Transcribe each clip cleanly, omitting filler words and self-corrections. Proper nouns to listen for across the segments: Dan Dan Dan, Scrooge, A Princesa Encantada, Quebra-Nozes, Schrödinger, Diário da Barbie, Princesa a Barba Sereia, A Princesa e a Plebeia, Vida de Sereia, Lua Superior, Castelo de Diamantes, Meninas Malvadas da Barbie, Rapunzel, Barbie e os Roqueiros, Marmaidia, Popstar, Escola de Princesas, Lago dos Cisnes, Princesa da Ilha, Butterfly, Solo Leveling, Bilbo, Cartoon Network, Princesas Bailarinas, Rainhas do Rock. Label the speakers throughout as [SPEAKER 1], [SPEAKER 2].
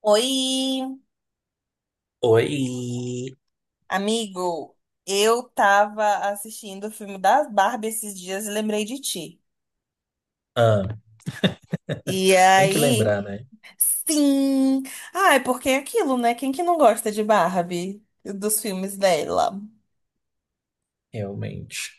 [SPEAKER 1] Oi,
[SPEAKER 2] Oi!
[SPEAKER 1] amigo. Eu tava assistindo o filme das Barbie esses dias e lembrei de ti.
[SPEAKER 2] Ah,
[SPEAKER 1] E
[SPEAKER 2] tem que
[SPEAKER 1] aí,
[SPEAKER 2] lembrar, né?
[SPEAKER 1] sim. Ah, é porque é aquilo, né? Quem que não gosta de Barbie? Dos filmes dela.
[SPEAKER 2] Realmente.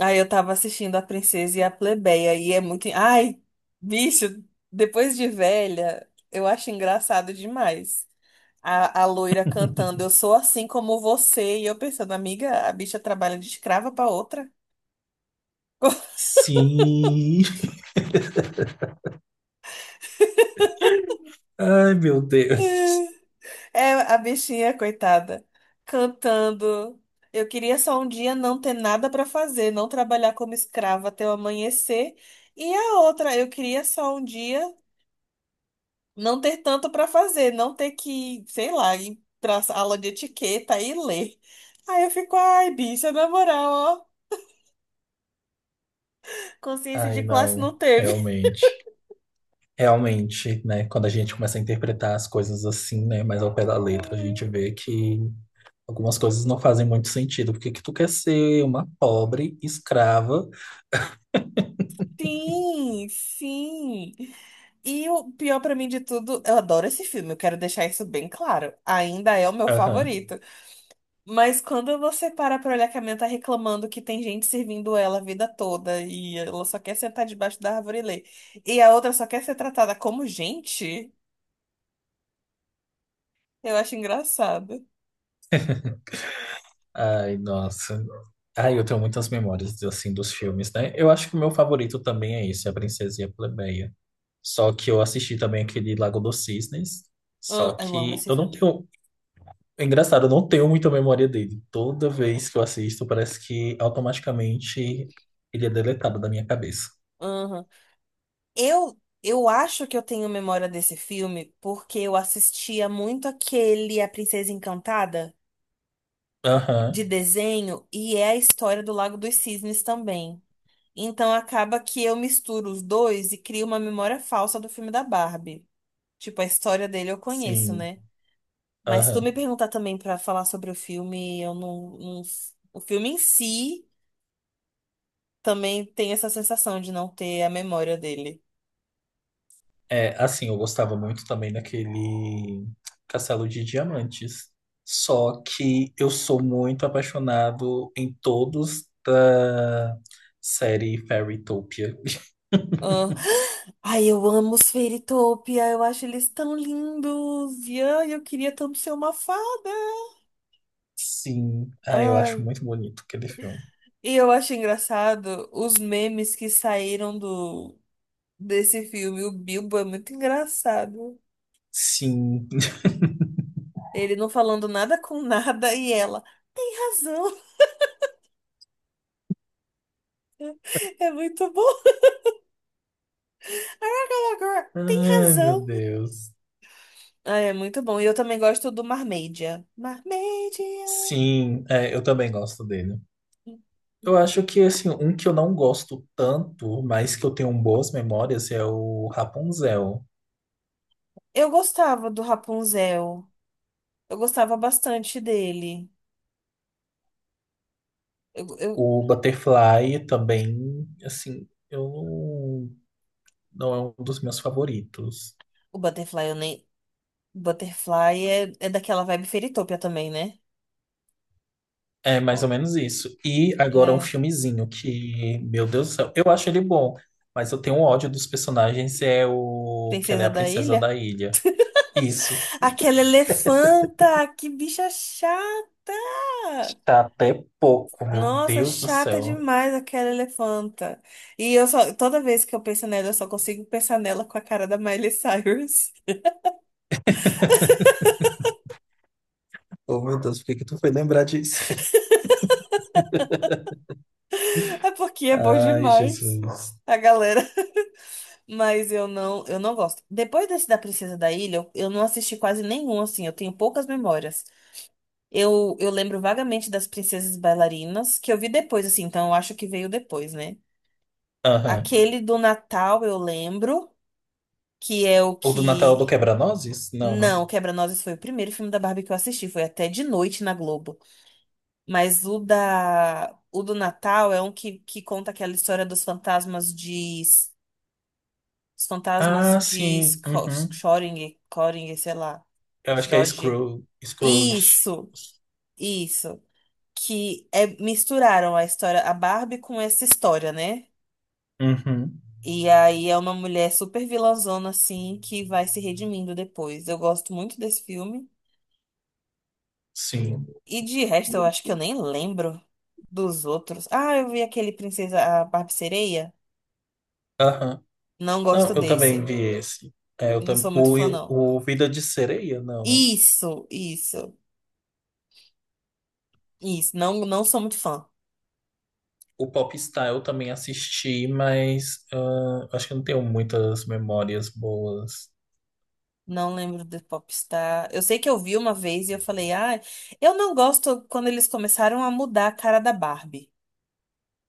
[SPEAKER 1] Aí eu tava assistindo A Princesa e a Plebeia e é muito. Ai, bicho, depois de velha, eu acho engraçado demais. A loira cantando, eu sou assim como você, e eu pensando, amiga, a bicha trabalha de escrava pra outra.
[SPEAKER 2] Sim! Ai, meu Deus!
[SPEAKER 1] É a bichinha, coitada, cantando. Eu queria só um dia não ter nada pra fazer, não trabalhar como escrava até o amanhecer. E a outra, eu queria só um dia não ter tanto pra fazer, não ter que, sei lá, ir pra aula de etiqueta e ler. Aí eu fico, ai, bicha, na moral, ó, consciência de
[SPEAKER 2] Ai,
[SPEAKER 1] classe
[SPEAKER 2] não.
[SPEAKER 1] não teve.
[SPEAKER 2] Realmente. Realmente, né? Quando a gente começa a interpretar as coisas assim, né? Mais ao pé da letra, a gente
[SPEAKER 1] Hum.
[SPEAKER 2] vê que algumas coisas não fazem muito sentido. Por que que tu quer ser uma pobre escrava?
[SPEAKER 1] Sim, sim. E o pior pra mim de tudo, eu adoro esse filme, eu quero deixar isso bem claro. Ainda é o meu favorito. Mas quando você para pra olhar que a minha tá reclamando que tem gente servindo ela a vida toda e ela só quer sentar debaixo da árvore e ler, e a outra só quer ser tratada como gente, eu acho engraçado.
[SPEAKER 2] Ai, nossa. Ai, eu tenho muitas memórias, assim, dos filmes, né? Eu acho que o meu favorito também é esse, A Princesa e a Plebeia. Só que eu assisti também aquele Lago dos Cisnes.
[SPEAKER 1] Ah,
[SPEAKER 2] Só
[SPEAKER 1] eu amo
[SPEAKER 2] que
[SPEAKER 1] esse
[SPEAKER 2] eu não
[SPEAKER 1] filme.
[SPEAKER 2] tenho... É engraçado, eu não tenho muita memória dele. Toda vez que eu assisto, parece que automaticamente ele é deletado da minha cabeça.
[SPEAKER 1] Aham. Eu acho que eu tenho memória desse filme porque eu assistia muito aquele A Princesa Encantada de
[SPEAKER 2] Aham,
[SPEAKER 1] desenho e é a história do Lago dos Cisnes também. Então acaba que eu misturo os dois e crio uma memória falsa do filme da Barbie. Tipo, a história dele eu conheço,
[SPEAKER 2] sim.
[SPEAKER 1] né? Mas se tu
[SPEAKER 2] Aham.
[SPEAKER 1] me perguntar também pra falar sobre o filme, eu não, não- O filme em si também tem essa sensação de não ter a memória dele.
[SPEAKER 2] É, assim, eu gostava muito também daquele Castelo de Diamantes. Só que eu sou muito apaixonado em todos da série Fairytopia.
[SPEAKER 1] Ah, ai, eu amo os Fairytopia, eu acho eles tão lindos. E ai, eu queria tanto ser uma fada.
[SPEAKER 2] Sim, ah, eu acho
[SPEAKER 1] Ai,
[SPEAKER 2] muito bonito aquele filme.
[SPEAKER 1] e eu acho engraçado os memes que saíram do desse filme. O Bilbo é muito engraçado.
[SPEAKER 2] Sim.
[SPEAKER 1] Ele não falando nada com nada e ela tem razão. É muito bom. Agora, tem
[SPEAKER 2] Ai, meu
[SPEAKER 1] razão.
[SPEAKER 2] Deus.
[SPEAKER 1] Ah, é muito bom. E eu também gosto do Marmaidia. Marmaidia.
[SPEAKER 2] Sim, é, eu também gosto dele. Eu acho que, assim, um que eu não gosto tanto, mas que eu tenho boas memórias, é o Rapunzel.
[SPEAKER 1] Eu gostava do Rapunzel. Eu gostava bastante dele. Eu, eu-
[SPEAKER 2] O Butterfly também, assim, eu não é um dos meus favoritos.
[SPEAKER 1] o Butterfly, eu nem. Butterfly é, é daquela vibe Fairytopia também, né?
[SPEAKER 2] É mais ou
[SPEAKER 1] Ó,
[SPEAKER 2] menos isso. E agora um
[SPEAKER 1] é
[SPEAKER 2] filmezinho que, meu Deus do céu, eu acho ele bom, mas eu tenho um ódio dos personagens, é o que ela é
[SPEAKER 1] Princesa
[SPEAKER 2] a
[SPEAKER 1] da
[SPEAKER 2] princesa
[SPEAKER 1] Ilha.
[SPEAKER 2] da ilha. Isso,
[SPEAKER 1] Aquela elefanta! Que bicha chata!
[SPEAKER 2] tá até pouco, meu
[SPEAKER 1] Nossa,
[SPEAKER 2] Deus do
[SPEAKER 1] chata
[SPEAKER 2] céu.
[SPEAKER 1] demais aquela elefanta. E eu só, toda vez que eu penso nela, eu só consigo pensar nela com a cara da Miley Cyrus.
[SPEAKER 2] Oh, meu Deus, por que que tu foi lembrar disso?
[SPEAKER 1] É porque é bom
[SPEAKER 2] Ai,
[SPEAKER 1] demais.
[SPEAKER 2] Jesus.
[SPEAKER 1] A galera. Mas eu não gosto. Depois desse da Princesa da Ilha, eu não assisti quase nenhum, assim. Eu tenho poucas memórias. Eu lembro vagamente das Princesas Bailarinas, que eu vi depois, assim. Então eu acho que veio depois, né?
[SPEAKER 2] Aham.
[SPEAKER 1] Aquele do Natal eu lembro, que é o
[SPEAKER 2] O do Natal do
[SPEAKER 1] que.
[SPEAKER 2] Quebra-Nozes? Não, né?
[SPEAKER 1] Não, Quebra-Nozes foi o primeiro filme da Barbie que eu assisti, foi até de noite na Globo. Mas o do Natal é um que conta aquela história dos fantasmas de os fantasmas
[SPEAKER 2] Ah,
[SPEAKER 1] de
[SPEAKER 2] sim. Uhum.
[SPEAKER 1] Schrödinger, Schrödinger, sei lá,
[SPEAKER 2] Eu acho que é
[SPEAKER 1] Schrödinger.
[SPEAKER 2] Scrooge.
[SPEAKER 1] Isso, isso, que é misturaram a história a Barbie com essa história, né?
[SPEAKER 2] Uhum,
[SPEAKER 1] E aí é uma mulher super vilãzona assim que vai se redimindo depois. Eu gosto muito desse filme.
[SPEAKER 2] sim.
[SPEAKER 1] E de resto, eu acho que eu nem lembro dos outros. Ah, eu vi aquele Princesa a Barba Sereia.
[SPEAKER 2] Aham.
[SPEAKER 1] Não
[SPEAKER 2] Não,
[SPEAKER 1] gosto
[SPEAKER 2] eu também
[SPEAKER 1] desse.
[SPEAKER 2] vi esse. É, eu
[SPEAKER 1] Não
[SPEAKER 2] também,
[SPEAKER 1] sou muito fã, não.
[SPEAKER 2] o Vida de Sereia, não, né?
[SPEAKER 1] Isso, isso, isso. Não, não sou muito fã.
[SPEAKER 2] O Popstar eu também assisti, mas ah, acho que eu não tenho muitas memórias boas.
[SPEAKER 1] Não lembro do Popstar. Eu sei que eu vi uma vez e eu falei, ah, eu não gosto quando eles começaram a mudar a cara da Barbie.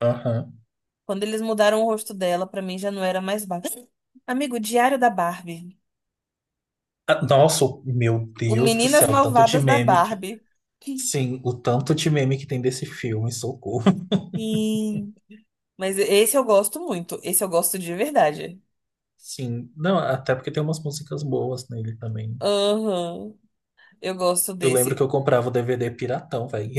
[SPEAKER 2] Aham.
[SPEAKER 1] Quando eles mudaram o rosto dela, pra mim já não era mais Barbie. Amigo, Diário da Barbie.
[SPEAKER 2] Ah, nossa, meu
[SPEAKER 1] O
[SPEAKER 2] Deus do
[SPEAKER 1] Meninas
[SPEAKER 2] céu, o tanto de
[SPEAKER 1] Malvadas da
[SPEAKER 2] meme que.
[SPEAKER 1] Barbie.
[SPEAKER 2] Sim, o tanto de meme que tem desse filme, socorro.
[SPEAKER 1] Sim. Mas esse eu gosto muito. Esse eu gosto de verdade.
[SPEAKER 2] Sim, não, até porque tem umas músicas boas nele também.
[SPEAKER 1] Aham. Eu gosto
[SPEAKER 2] Eu lembro que
[SPEAKER 1] desse.
[SPEAKER 2] eu comprava o DVD piratão, velho.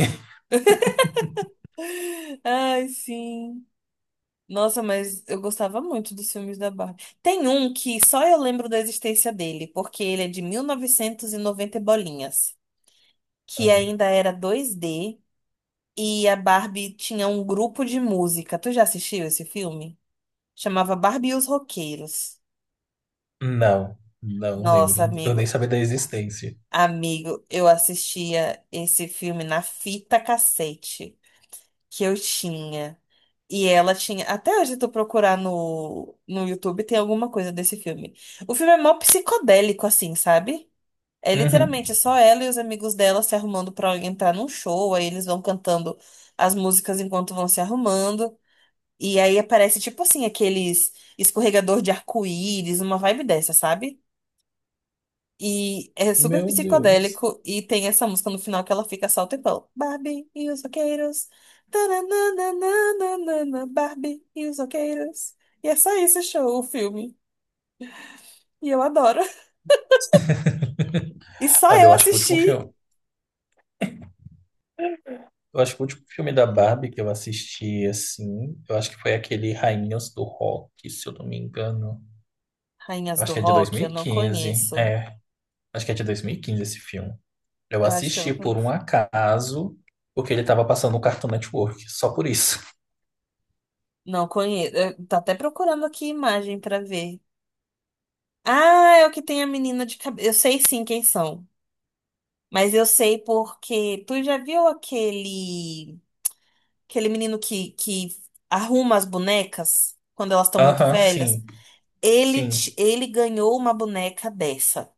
[SPEAKER 1] Ai, sim. Nossa, mas eu gostava muito dos filmes da Barbie. Tem um que só eu lembro da existência dele, porque ele é de mil novecentos e noventa e bolinhas, que ainda era dois d e a Barbie tinha um grupo de música. Tu já assistiu esse filme? Chamava Barbie e os Roqueiros.
[SPEAKER 2] Não, não
[SPEAKER 1] Nossa,
[SPEAKER 2] lembro. Eu nem
[SPEAKER 1] amigo.
[SPEAKER 2] sabia da existência.
[SPEAKER 1] Amigo, eu assistia esse filme na fita cassete que eu tinha. E ela tinha. Até hoje, se tu procurar no YouTube, tem alguma coisa desse filme. O filme é mó psicodélico, assim, sabe? É
[SPEAKER 2] Uhum.
[SPEAKER 1] literalmente é só ela e os amigos dela se arrumando pra entrar num show. Aí eles vão cantando as músicas enquanto vão se arrumando. E aí aparece, tipo assim, aqueles escorregador de arco-íris, uma vibe dessa, sabe? E é super
[SPEAKER 2] Meu Deus.
[SPEAKER 1] psicodélico. E tem essa música no final que ela fica só o tempão. Barbie e os roqueiros. Tananana, Barbie e os roqueiros. E é só isso o show, o filme. E eu adoro. E só
[SPEAKER 2] Olha,
[SPEAKER 1] eu
[SPEAKER 2] eu acho que o último
[SPEAKER 1] assisti.
[SPEAKER 2] filme, eu acho que o último filme da Barbie que eu assisti assim, eu acho que foi aquele Rainhas do Rock, se eu não me engano.
[SPEAKER 1] Rainhas
[SPEAKER 2] Eu acho
[SPEAKER 1] do
[SPEAKER 2] que é de dois
[SPEAKER 1] Rock,
[SPEAKER 2] mil
[SPEAKER 1] eu
[SPEAKER 2] e
[SPEAKER 1] não
[SPEAKER 2] quinze.
[SPEAKER 1] conheço.
[SPEAKER 2] É, acho que é de 2015 esse filme. Eu
[SPEAKER 1] Eu acho que eu
[SPEAKER 2] assisti
[SPEAKER 1] não
[SPEAKER 2] por um
[SPEAKER 1] conheço.
[SPEAKER 2] acaso, porque ele tava passando no Cartoon Network, só por isso.
[SPEAKER 1] Não conheço. Eu tô até procurando aqui imagem pra ver. Ah, é o que tem a menina de cabelo. Eu sei sim quem são. Mas eu sei porque. Tu já viu aquele. Aquele menino que arruma as bonecas quando elas estão muito
[SPEAKER 2] Aham,
[SPEAKER 1] velhas.
[SPEAKER 2] sim.
[SPEAKER 1] Ele, ti-
[SPEAKER 2] Sim.
[SPEAKER 1] ele ganhou uma boneca dessa.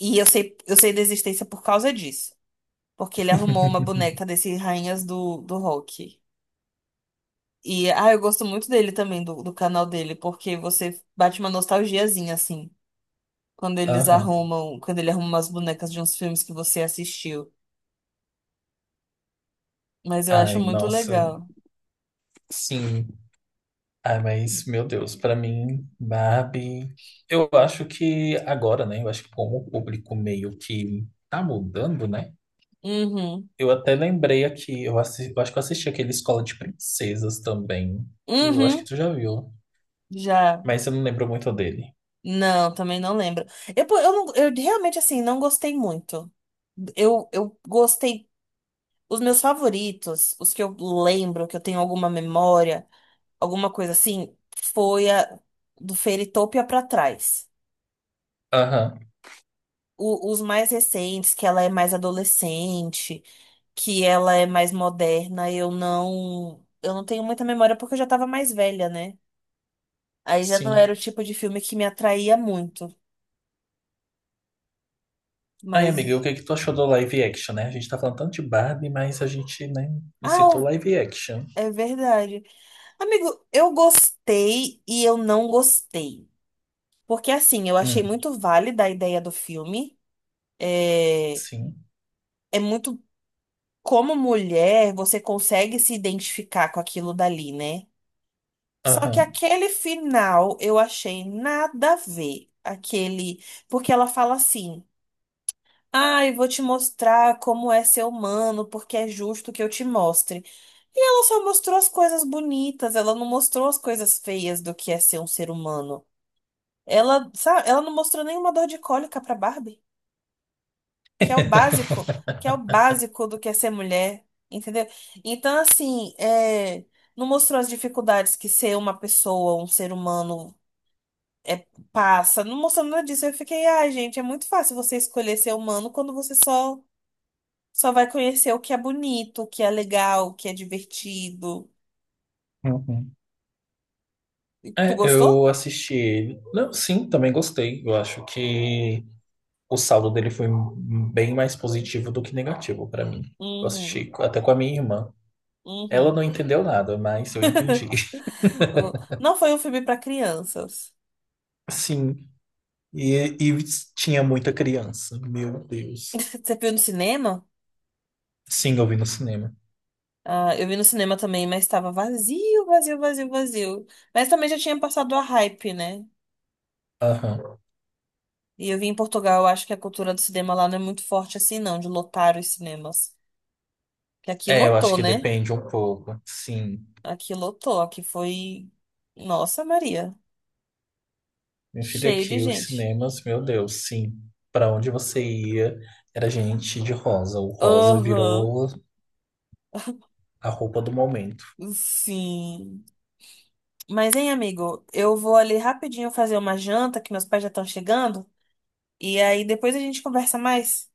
[SPEAKER 1] E eu sei da existência por causa disso. Porque ele arrumou uma boneca desse Rainhas do Rock. E ah, eu gosto muito dele também, do canal dele, porque você bate uma nostalgiazinha, assim, quando eles
[SPEAKER 2] Aham.
[SPEAKER 1] arrumam, quando ele arruma umas bonecas de uns filmes que você assistiu. Mas eu acho
[SPEAKER 2] Ai,
[SPEAKER 1] muito
[SPEAKER 2] nossa.
[SPEAKER 1] legal.
[SPEAKER 2] Sim. Ah, mas, meu Deus, pra mim, Barbie. Eu acho que agora, né? Eu acho que como o público meio que tá mudando, né?
[SPEAKER 1] Uhum.
[SPEAKER 2] Eu até lembrei aqui, eu, eu acho que eu assisti aquele Escola de Princesas também. Tu, eu acho que
[SPEAKER 1] Uhum.
[SPEAKER 2] tu já viu,
[SPEAKER 1] Já.
[SPEAKER 2] mas eu não lembro muito dele.
[SPEAKER 1] Não, também não lembro. Eu, pô, eu realmente, assim, não gostei muito. Eu gostei. Os meus favoritos, os que eu lembro, que eu tenho alguma memória, alguma coisa assim, foi a do Fairytopia pra trás.
[SPEAKER 2] Aham,
[SPEAKER 1] Os mais recentes, que ela é mais adolescente, que ela é mais moderna, eu não. Eu não tenho muita memória porque eu já tava mais velha, né? Aí já não
[SPEAKER 2] sim.
[SPEAKER 1] era o tipo de filme que me atraía muito.
[SPEAKER 2] Ai, amiga, o
[SPEAKER 1] Mas.
[SPEAKER 2] que que tu achou do live action, né? A gente tá falando tanto de Barbie, mas a gente, né, não citou
[SPEAKER 1] Ah,
[SPEAKER 2] live action.
[SPEAKER 1] é verdade. Amigo, eu gostei e eu não gostei. Porque, assim, eu achei
[SPEAKER 2] Hum,
[SPEAKER 1] muito válida a ideia do filme. É,
[SPEAKER 2] sim.
[SPEAKER 1] é muito como mulher você consegue se identificar com aquilo dali, né? Só que
[SPEAKER 2] Aham.
[SPEAKER 1] aquele final eu achei nada a ver. Aquele. Porque ela fala assim: ah, eu vou te mostrar como é ser humano, porque é justo que eu te mostre. E ela só mostrou as coisas bonitas, ela não mostrou as coisas feias do que é ser um ser humano. Ela, sabe, ela não mostrou nenhuma dor de cólica pra Barbie, que é o básico, que é o básico do que é ser mulher, entendeu? Então, assim, é, não mostrou as dificuldades que ser uma pessoa, um ser humano é, passa, não mostrou nada disso. Eu fiquei, ai, gente, é muito fácil você escolher ser humano quando você só vai conhecer o que é bonito, o que é legal, o que é divertido. Tu
[SPEAKER 2] É,
[SPEAKER 1] gostou?
[SPEAKER 2] eu assisti ele. Não, sim, também gostei. Eu acho que o saldo dele foi bem mais positivo do que negativo pra mim. Eu
[SPEAKER 1] Uhum,
[SPEAKER 2] assisti até com a minha irmã. Ela
[SPEAKER 1] uhum.
[SPEAKER 2] não entendeu nada, mas eu entendi.
[SPEAKER 1] Não foi um filme pra crianças.
[SPEAKER 2] Sim, e, e tinha muita criança. Meu Deus.
[SPEAKER 1] Você viu no cinema?
[SPEAKER 2] Sim, eu vi no cinema.
[SPEAKER 1] Ah, eu vi no cinema também, mas tava vazio, vazio, vazio, vazio. Mas também já tinha passado a hype, né?
[SPEAKER 2] Aham.
[SPEAKER 1] E eu vim em Portugal, eu acho que a cultura do cinema lá não é muito forte assim, não, de lotar os cinemas. Que aqui
[SPEAKER 2] É, eu acho
[SPEAKER 1] lotou,
[SPEAKER 2] que
[SPEAKER 1] né?
[SPEAKER 2] depende um pouco. Sim.
[SPEAKER 1] Aqui lotou, aqui foi. Nossa, Maria.
[SPEAKER 2] Meu filho,
[SPEAKER 1] Cheio de
[SPEAKER 2] aqui os
[SPEAKER 1] gente.
[SPEAKER 2] cinemas, meu Deus, sim. Pra onde você ia, era gente de rosa. O rosa
[SPEAKER 1] Aham.
[SPEAKER 2] virou a roupa do momento.
[SPEAKER 1] Sim. Mas, hein, amigo, eu vou ali rapidinho fazer uma janta, que meus pais já estão chegando. E aí depois a gente conversa mais.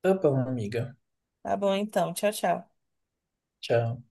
[SPEAKER 2] Tá bom, amiga.
[SPEAKER 1] Tá bom, então. Tchau, tchau.
[SPEAKER 2] Tchau.